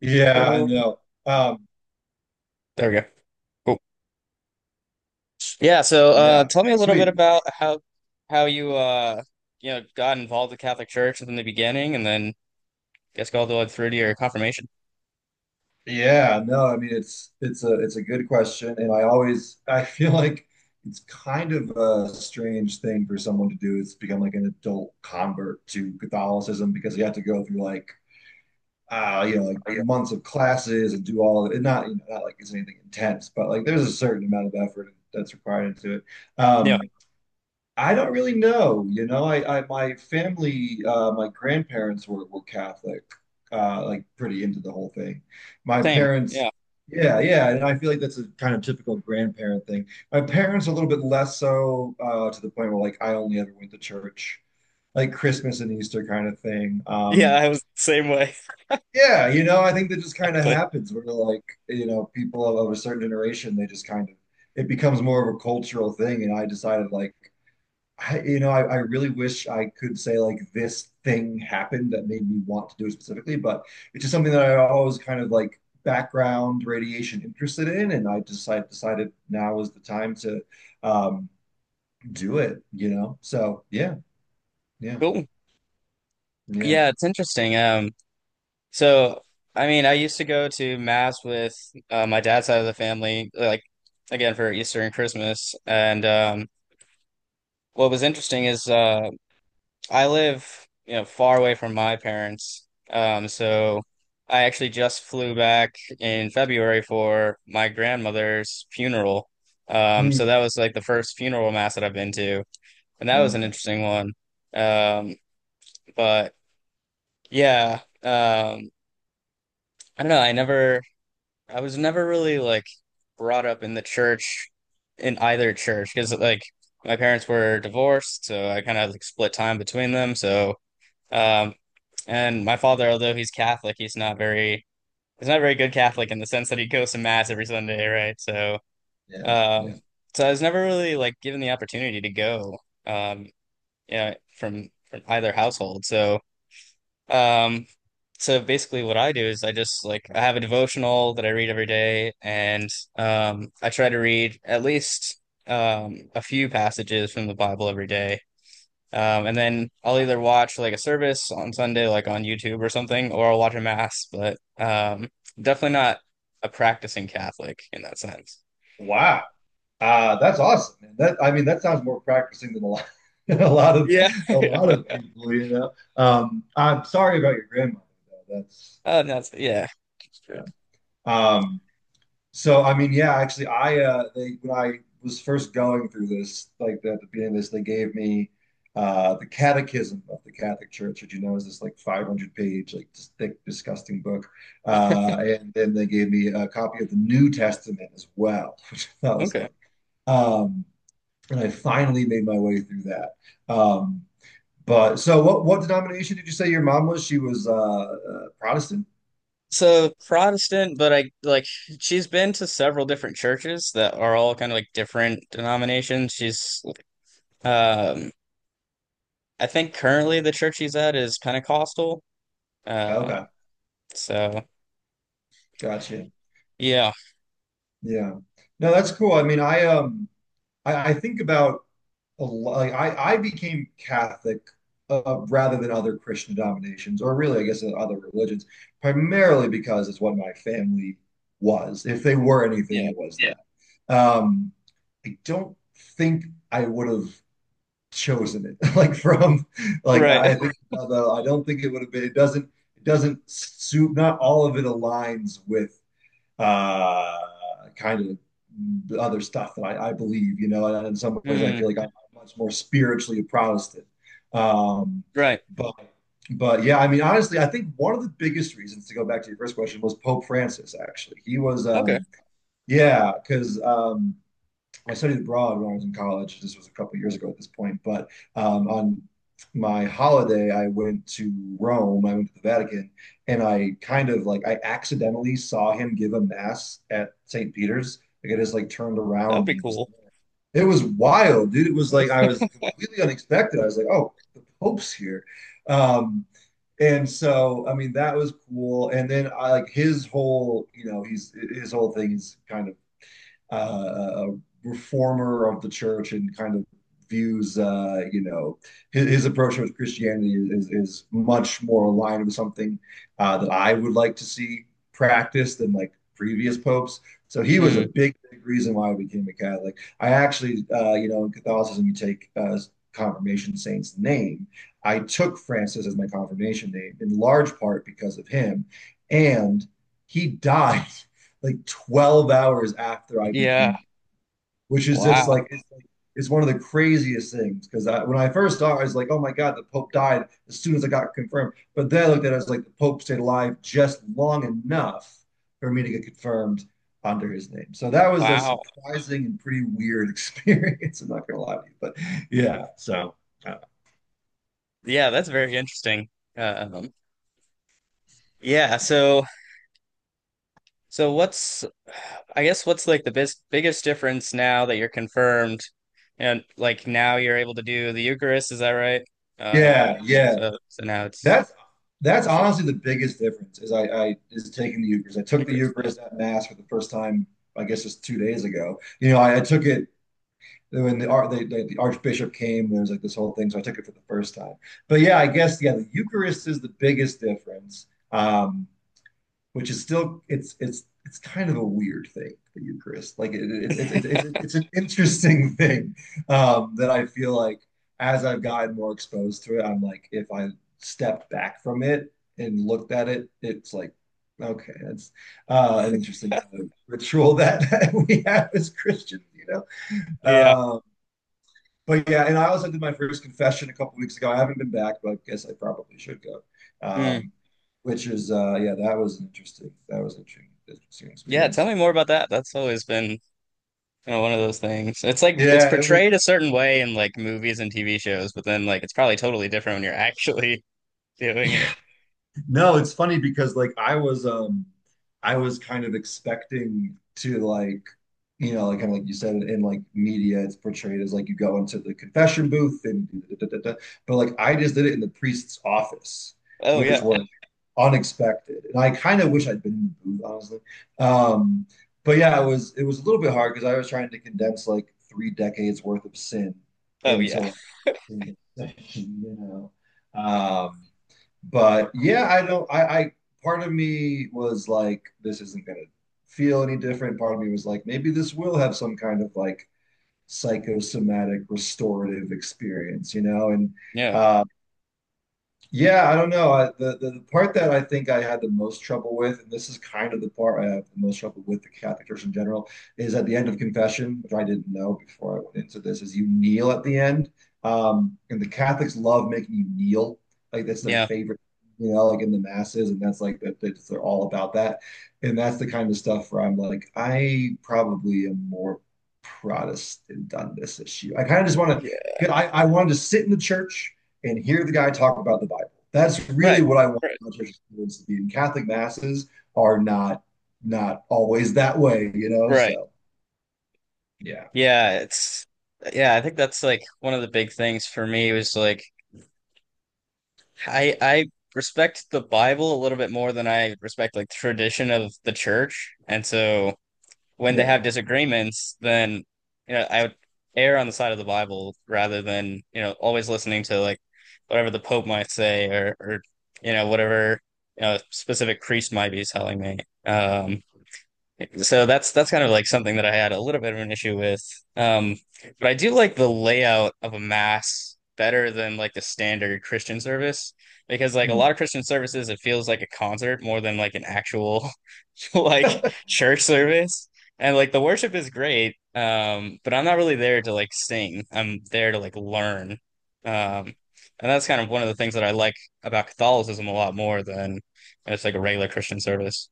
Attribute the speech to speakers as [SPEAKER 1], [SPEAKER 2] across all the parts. [SPEAKER 1] Yeah, I
[SPEAKER 2] Mm,
[SPEAKER 1] know. Um,
[SPEAKER 2] there we go. Cool. Yeah, so
[SPEAKER 1] yeah,
[SPEAKER 2] tell me a little bit
[SPEAKER 1] sweet.
[SPEAKER 2] about how you you know got involved with the Catholic Church from the beginning, and then I guess all the way through to your confirmation.
[SPEAKER 1] Yeah, no, I mean it's a good question, and I always I feel like it's kind of a strange thing for someone to do is become like an adult convert to Catholicism because you have to go through like you know like
[SPEAKER 2] Oh, yeah.
[SPEAKER 1] months of classes and do all of it. Not you know not like it's anything intense, but like there's a certain amount of effort that's required into it.
[SPEAKER 2] Yeah,
[SPEAKER 1] Um, I don't really know. You know, I, my family, my grandparents were Catholic, like pretty into the whole thing. My
[SPEAKER 2] same.
[SPEAKER 1] parents,
[SPEAKER 2] Yeah,
[SPEAKER 1] yeah, yeah, and I feel like that's a kind of typical grandparent thing. My parents are a little bit less so, to the point where like I only ever went to church, like Christmas and Easter kind of thing.
[SPEAKER 2] yeah, I was the same way.
[SPEAKER 1] Yeah, you know, I think that just kind of
[SPEAKER 2] Exactly.
[SPEAKER 1] happens where like, you know, people of a certain generation, they just kind of it becomes more of a cultural thing, and I decided like. You know, I really wish I could say like this thing happened that made me want to do it specifically, but it's just something that I always kind of like background radiation interested in, and I decided now is the time to um, do it, you know? So yeah, yeah,
[SPEAKER 2] Cool.
[SPEAKER 1] yeah.
[SPEAKER 2] Yeah, it's interesting. So I mean, I used to go to mass with my dad's side of the family, like again for Easter and Christmas, and what was interesting is. I live, you know, far away from my parents. So I actually just flew back in February for my grandmother's funeral. Um,
[SPEAKER 1] Hmm.
[SPEAKER 2] so that was like the first funeral mass that I've been to, and that was an
[SPEAKER 1] Okay.
[SPEAKER 2] interesting one. Um, but yeah, um, I don't know. I was never really like brought up in the church, in either church, because like my parents were divorced, so I kind of like split time between them. Um, And my father, although he's Catholic, he's not very he's not a very good Catholic in the sense that he goes to mass every Sunday, right?
[SPEAKER 1] Yeah,
[SPEAKER 2] Um,
[SPEAKER 1] yeah.
[SPEAKER 2] so I was never really like given the opportunity to go, um, yeah, from either household. Um, so basically, what I do is I just like I have a devotional that I read every day, and I try to read at least a few passages from the Bible every day. And then I'll
[SPEAKER 1] Wow.
[SPEAKER 2] either watch like a service on Sunday, like on YouTube or something, or I'll watch a mass, but definitely not a practicing Catholic in that sense.
[SPEAKER 1] Wow. That's awesome, man. That I mean, that sounds more practicing than a lot, a lot of
[SPEAKER 2] Yeah.
[SPEAKER 1] a lot
[SPEAKER 2] Yeah.
[SPEAKER 1] of people, you know. I'm sorry about your grandmother, though. That's
[SPEAKER 2] Oh, that's yeah. Good.
[SPEAKER 1] Um, so I mean, yeah, actually, I they when I was first going through this, like at the beginning of this, they gave me the Catechism of the Catholic Church, which you know is this like 500-page, like just thick, disgusting book. And then they gave me a copy of the New Testament as well, which I thought was
[SPEAKER 2] Okay.
[SPEAKER 1] funny. Um, and I finally made my way through that. Um, but so, what denomination did you say your mom was? She was Protestant.
[SPEAKER 2] So Protestant, but I like she's been to several different churches that are all kind of like different denominations. She's um I think currently the church she's at is Pentecostal. Um,
[SPEAKER 1] Okay,
[SPEAKER 2] so
[SPEAKER 1] gotcha.
[SPEAKER 2] yeah.
[SPEAKER 1] Yeah. No, that's cool. I mean, I I think about a lot like I became Catholic rather than other Christian denominations, or really, I guess, other religions, primarily because it's what my family was. If they were anything,
[SPEAKER 2] Yeah.
[SPEAKER 1] it was Yeah. that. I don't think I would have chosen it. Like from like
[SPEAKER 2] Right.
[SPEAKER 1] I think about the, I don't think it would have been. It doesn't. It doesn't suit. Not all of it aligns with uh, kind of other stuff that I believe, you know, and in some ways I feel
[SPEAKER 2] Mm,
[SPEAKER 1] like I'm much more spiritually a Protestant. Um,
[SPEAKER 2] right.
[SPEAKER 1] but but yeah, I mean, honestly, I think one of the biggest reasons to go back to your first question was Pope Francis, actually. He was
[SPEAKER 2] Okay.
[SPEAKER 1] yeah, because I studied abroad when I was in college. This was a couple of years ago at this point, but on my holiday, I went to Rome. I went to the Vatican, and I kind of like I accidentally saw him give a mass at St. Peter's. Like I just like turned
[SPEAKER 2] That
[SPEAKER 1] around
[SPEAKER 2] would
[SPEAKER 1] and
[SPEAKER 2] be
[SPEAKER 1] he was
[SPEAKER 2] cool.
[SPEAKER 1] there. It was wild, dude. It was like I was completely unexpected. I was like, oh, the Pope's here. Um, and so I mean that was cool. And then I like his whole, you know, he's his whole thing is kind of uh, reformer of the church and kind of views you know his approach with Christianity is much more aligned with something that I would like to see practiced than like previous popes. So he was a
[SPEAKER 2] Hmm.
[SPEAKER 1] big, big reason why I became a Catholic. I actually you know in Catholicism you take confirmation saint's name. I took Francis as my confirmation name in large part because of him, and he died. Like 12 hours after I
[SPEAKER 2] Yeah.
[SPEAKER 1] became, which is just
[SPEAKER 2] Wow.
[SPEAKER 1] like, it's one of the craziest things. Because I, when I first started, I was like, oh my God, the Pope died as soon as I got confirmed. But then I looked at it as like the Pope stayed alive just long enough for me to get confirmed under his name. So that was a
[SPEAKER 2] Wow.
[SPEAKER 1] surprising and pretty weird experience. I'm not going to lie to you, but yeah. So uh,
[SPEAKER 2] Yeah, that's very interesting. Um, yeah, so so what's I guess what's like the bis biggest difference now that you're confirmed and like now you're able to do the Eucharist, is that right?
[SPEAKER 1] yeah,
[SPEAKER 2] Yeah,
[SPEAKER 1] yeah.
[SPEAKER 2] so now it's
[SPEAKER 1] That's that's
[SPEAKER 2] official
[SPEAKER 1] honestly the biggest difference is I is taking the Eucharist. I took the
[SPEAKER 2] Eucharist. Yeah.
[SPEAKER 1] Eucharist at Mass for the first time, I guess just 2 days ago. You know, I took it when the Archbishop came. There was like this whole thing, so I took it for the first time. But yeah, I guess yeah, the Eucharist is the biggest difference. Um, which is still it's kind of a weird thing, the Eucharist. Like it's an interesting thing that I feel like as I've gotten more exposed to it, I'm like, if I stepped back from it and looked at it, it's like, okay, that's an interesting kind of ritual that, that we have as Christians, you know?
[SPEAKER 2] Yeah.
[SPEAKER 1] Uh, but yeah, and I also did my first confession a couple of weeks ago. I haven't been back, but I guess I probably should go.
[SPEAKER 2] Mm.
[SPEAKER 1] Um, which is yeah, that was interesting. That was an interesting, interesting
[SPEAKER 2] Yeah, tell
[SPEAKER 1] experience.
[SPEAKER 2] me more about that. That's always been, you know, one of those things. It's like it's
[SPEAKER 1] Yeah, it was.
[SPEAKER 2] portrayed a certain way in like movies and TV shows, but then like it's probably totally different when you're actually doing it.
[SPEAKER 1] Yeah, no, it's funny because like I was kind of expecting to like you know like kind of like you said in like media it's portrayed as like you go into the confession booth and da, da, da, da, but like I just did it in the priest's office
[SPEAKER 2] Oh
[SPEAKER 1] which
[SPEAKER 2] yeah.
[SPEAKER 1] was unexpected and I kind of wish I'd been in the booth honestly um but yeah it was a little bit hard because I was trying to condense like three decades worth of sin
[SPEAKER 2] Oh
[SPEAKER 1] into
[SPEAKER 2] yeah.
[SPEAKER 1] like in the session, you know. Um, but yeah, I don't. I, part of me was like, this isn't gonna feel any different. Part of me was like, maybe this will have some kind of like psychosomatic restorative experience, you know. And
[SPEAKER 2] Yeah.
[SPEAKER 1] uh, yeah, I don't know. I, the part that I think I had the most trouble with, and this is kind of the part I have the most trouble with the Catholic Church in general, is at the end of confession, which I didn't know before I went into this, is you kneel at the end. And the Catholics love making you kneel. Like that's their
[SPEAKER 2] Yeah.
[SPEAKER 1] favorite, you know, like in the masses, and that's like they're all about that. And that's the kind of stuff where I'm like, I probably am more Protestant on this issue. I kind of just want
[SPEAKER 2] Yeah.
[SPEAKER 1] to, I wanted to sit in the church and hear the guy talk about the Bible. That's really
[SPEAKER 2] Right.
[SPEAKER 1] what I want
[SPEAKER 2] Right.
[SPEAKER 1] my church experience to be. And Catholic masses are not not always that way, you know.
[SPEAKER 2] Right.
[SPEAKER 1] So yeah,
[SPEAKER 2] Yeah, it's yeah, I think that's like one of the big things for me was like I respect the Bible a little bit more than I respect like tradition of the church. And so when they
[SPEAKER 1] yeah,
[SPEAKER 2] have disagreements, then, you know, I would err on the side of the Bible rather than, you know, always listening to like whatever the Pope might say, or you know, whatever, you know, a specific priest might be telling me. Um So that's kind of like something that I had a little bit of an issue with. Um, but I do like the layout of a mass better than like the standard Christian service, because like a lot
[SPEAKER 1] Mm.
[SPEAKER 2] of Christian services it feels like a concert more than like an actual like church service. And like the worship is great, but I'm not really there to like sing. I'm there to like learn. Um, and that's kind of one of the things that I like about Catholicism a lot more than it's like a regular Christian service.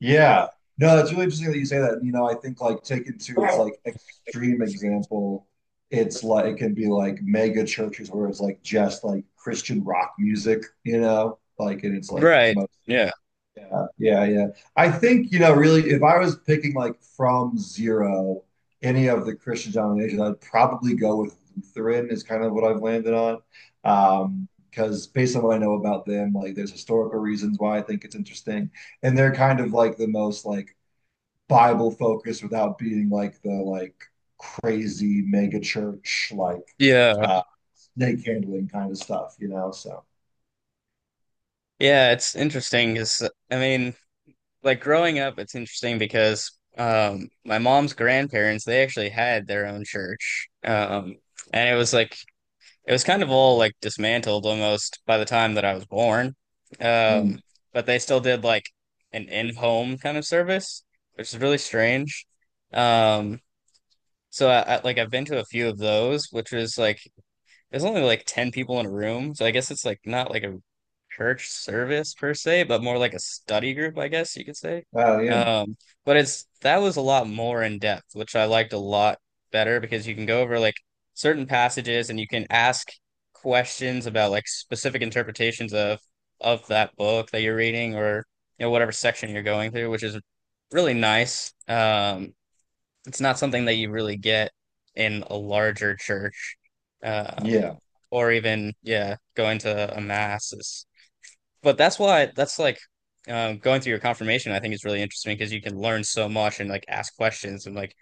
[SPEAKER 1] yeah. No, that's really interesting that you say that. You know, I think like taken to its like extreme example, it's like it can be like mega churches where it's like just like Christian rock music, you know, like and it's like
[SPEAKER 2] Right.
[SPEAKER 1] most.
[SPEAKER 2] Yeah.
[SPEAKER 1] Yeah, yeah, yeah. I think, you know, really, if I was picking like from zero any of the Christian denominations, I'd probably go with Lutheran is kind of what I've landed on. Because based on what I know about them, like there's historical reasons why I think it's interesting. And they're kind of like the most like Bible focused without being like the like crazy mega church, like
[SPEAKER 2] Yeah,
[SPEAKER 1] uh snake handling kind of stuff, you know. So
[SPEAKER 2] yeah, it's interesting because I mean, like growing up, it's interesting because my mom's grandparents, they actually had their own church. And it was like it was kind of all like dismantled almost by the time that I was born.
[SPEAKER 1] mm.
[SPEAKER 2] Um but they still did like an in-home kind of service, which is really strange. Um so I've been to a few of those, which is like there's only like 10 people in a room. So I guess it's like not like a church service per se, but more like a study group, I guess you could say.
[SPEAKER 1] Oh yeah.
[SPEAKER 2] Um, but it's That was a lot more in depth, which I liked a lot better because you can go over like certain passages and you can ask questions about like specific interpretations of that book that you're reading or, you know, whatever section you're going through, which is really nice. It's not something that you really get in a larger church. Um,
[SPEAKER 1] Yeah.
[SPEAKER 2] or even yeah, going to a mass is. But that's why, that's like, going through your confirmation I think is really interesting because you can learn so much and like ask questions and like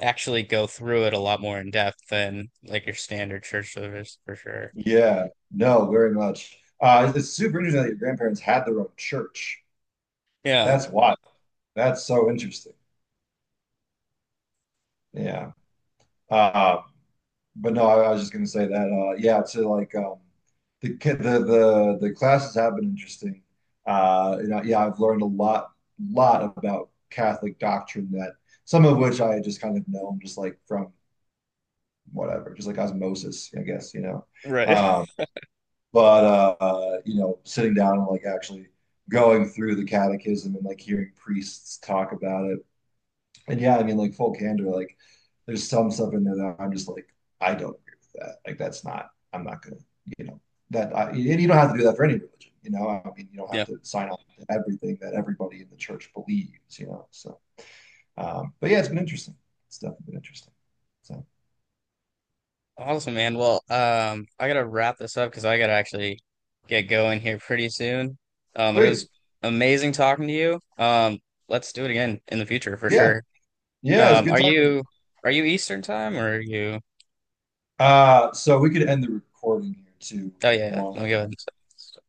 [SPEAKER 2] actually go through it a lot more in depth than like your standard church service for sure.
[SPEAKER 1] Yeah, no, very much. It's super interesting that your grandparents had their own church.
[SPEAKER 2] Yeah.
[SPEAKER 1] That's wild. That's so interesting. Yeah. Uh, but no, I was just gonna say that. Yeah, to like the ki- the classes have been interesting. You know, yeah, I've learned a lot about Catholic doctrine that some of which I just kind of know, just like from whatever, just like osmosis, I guess, you know.
[SPEAKER 2] Right.
[SPEAKER 1] Um, but you know, sitting down and like actually going through the catechism and like hearing priests talk about it. And yeah, I mean, like full candor, like there's some stuff in there that I'm just like, I don't agree with that. Like that's not, I'm not gonna, you know, that I, and you don't have to do that for any religion, you know. I mean, you don't have
[SPEAKER 2] Yeah.
[SPEAKER 1] to sign on to everything that everybody in the church believes, you know. So, but yeah, it's been interesting. It's definitely been interesting. So
[SPEAKER 2] Awesome, man. Well, I gotta wrap this up because I gotta actually get going here pretty soon. But it
[SPEAKER 1] sweet,
[SPEAKER 2] was amazing talking to you. Let's do it again in the future for
[SPEAKER 1] yeah,
[SPEAKER 2] sure.
[SPEAKER 1] yeah, it's
[SPEAKER 2] Um,
[SPEAKER 1] good
[SPEAKER 2] are
[SPEAKER 1] talking to you.
[SPEAKER 2] you are you Eastern time, or are you?
[SPEAKER 1] So we could end the recording here too
[SPEAKER 2] Oh
[SPEAKER 1] if
[SPEAKER 2] yeah,
[SPEAKER 1] you
[SPEAKER 2] yeah.
[SPEAKER 1] want.
[SPEAKER 2] No, go ahead.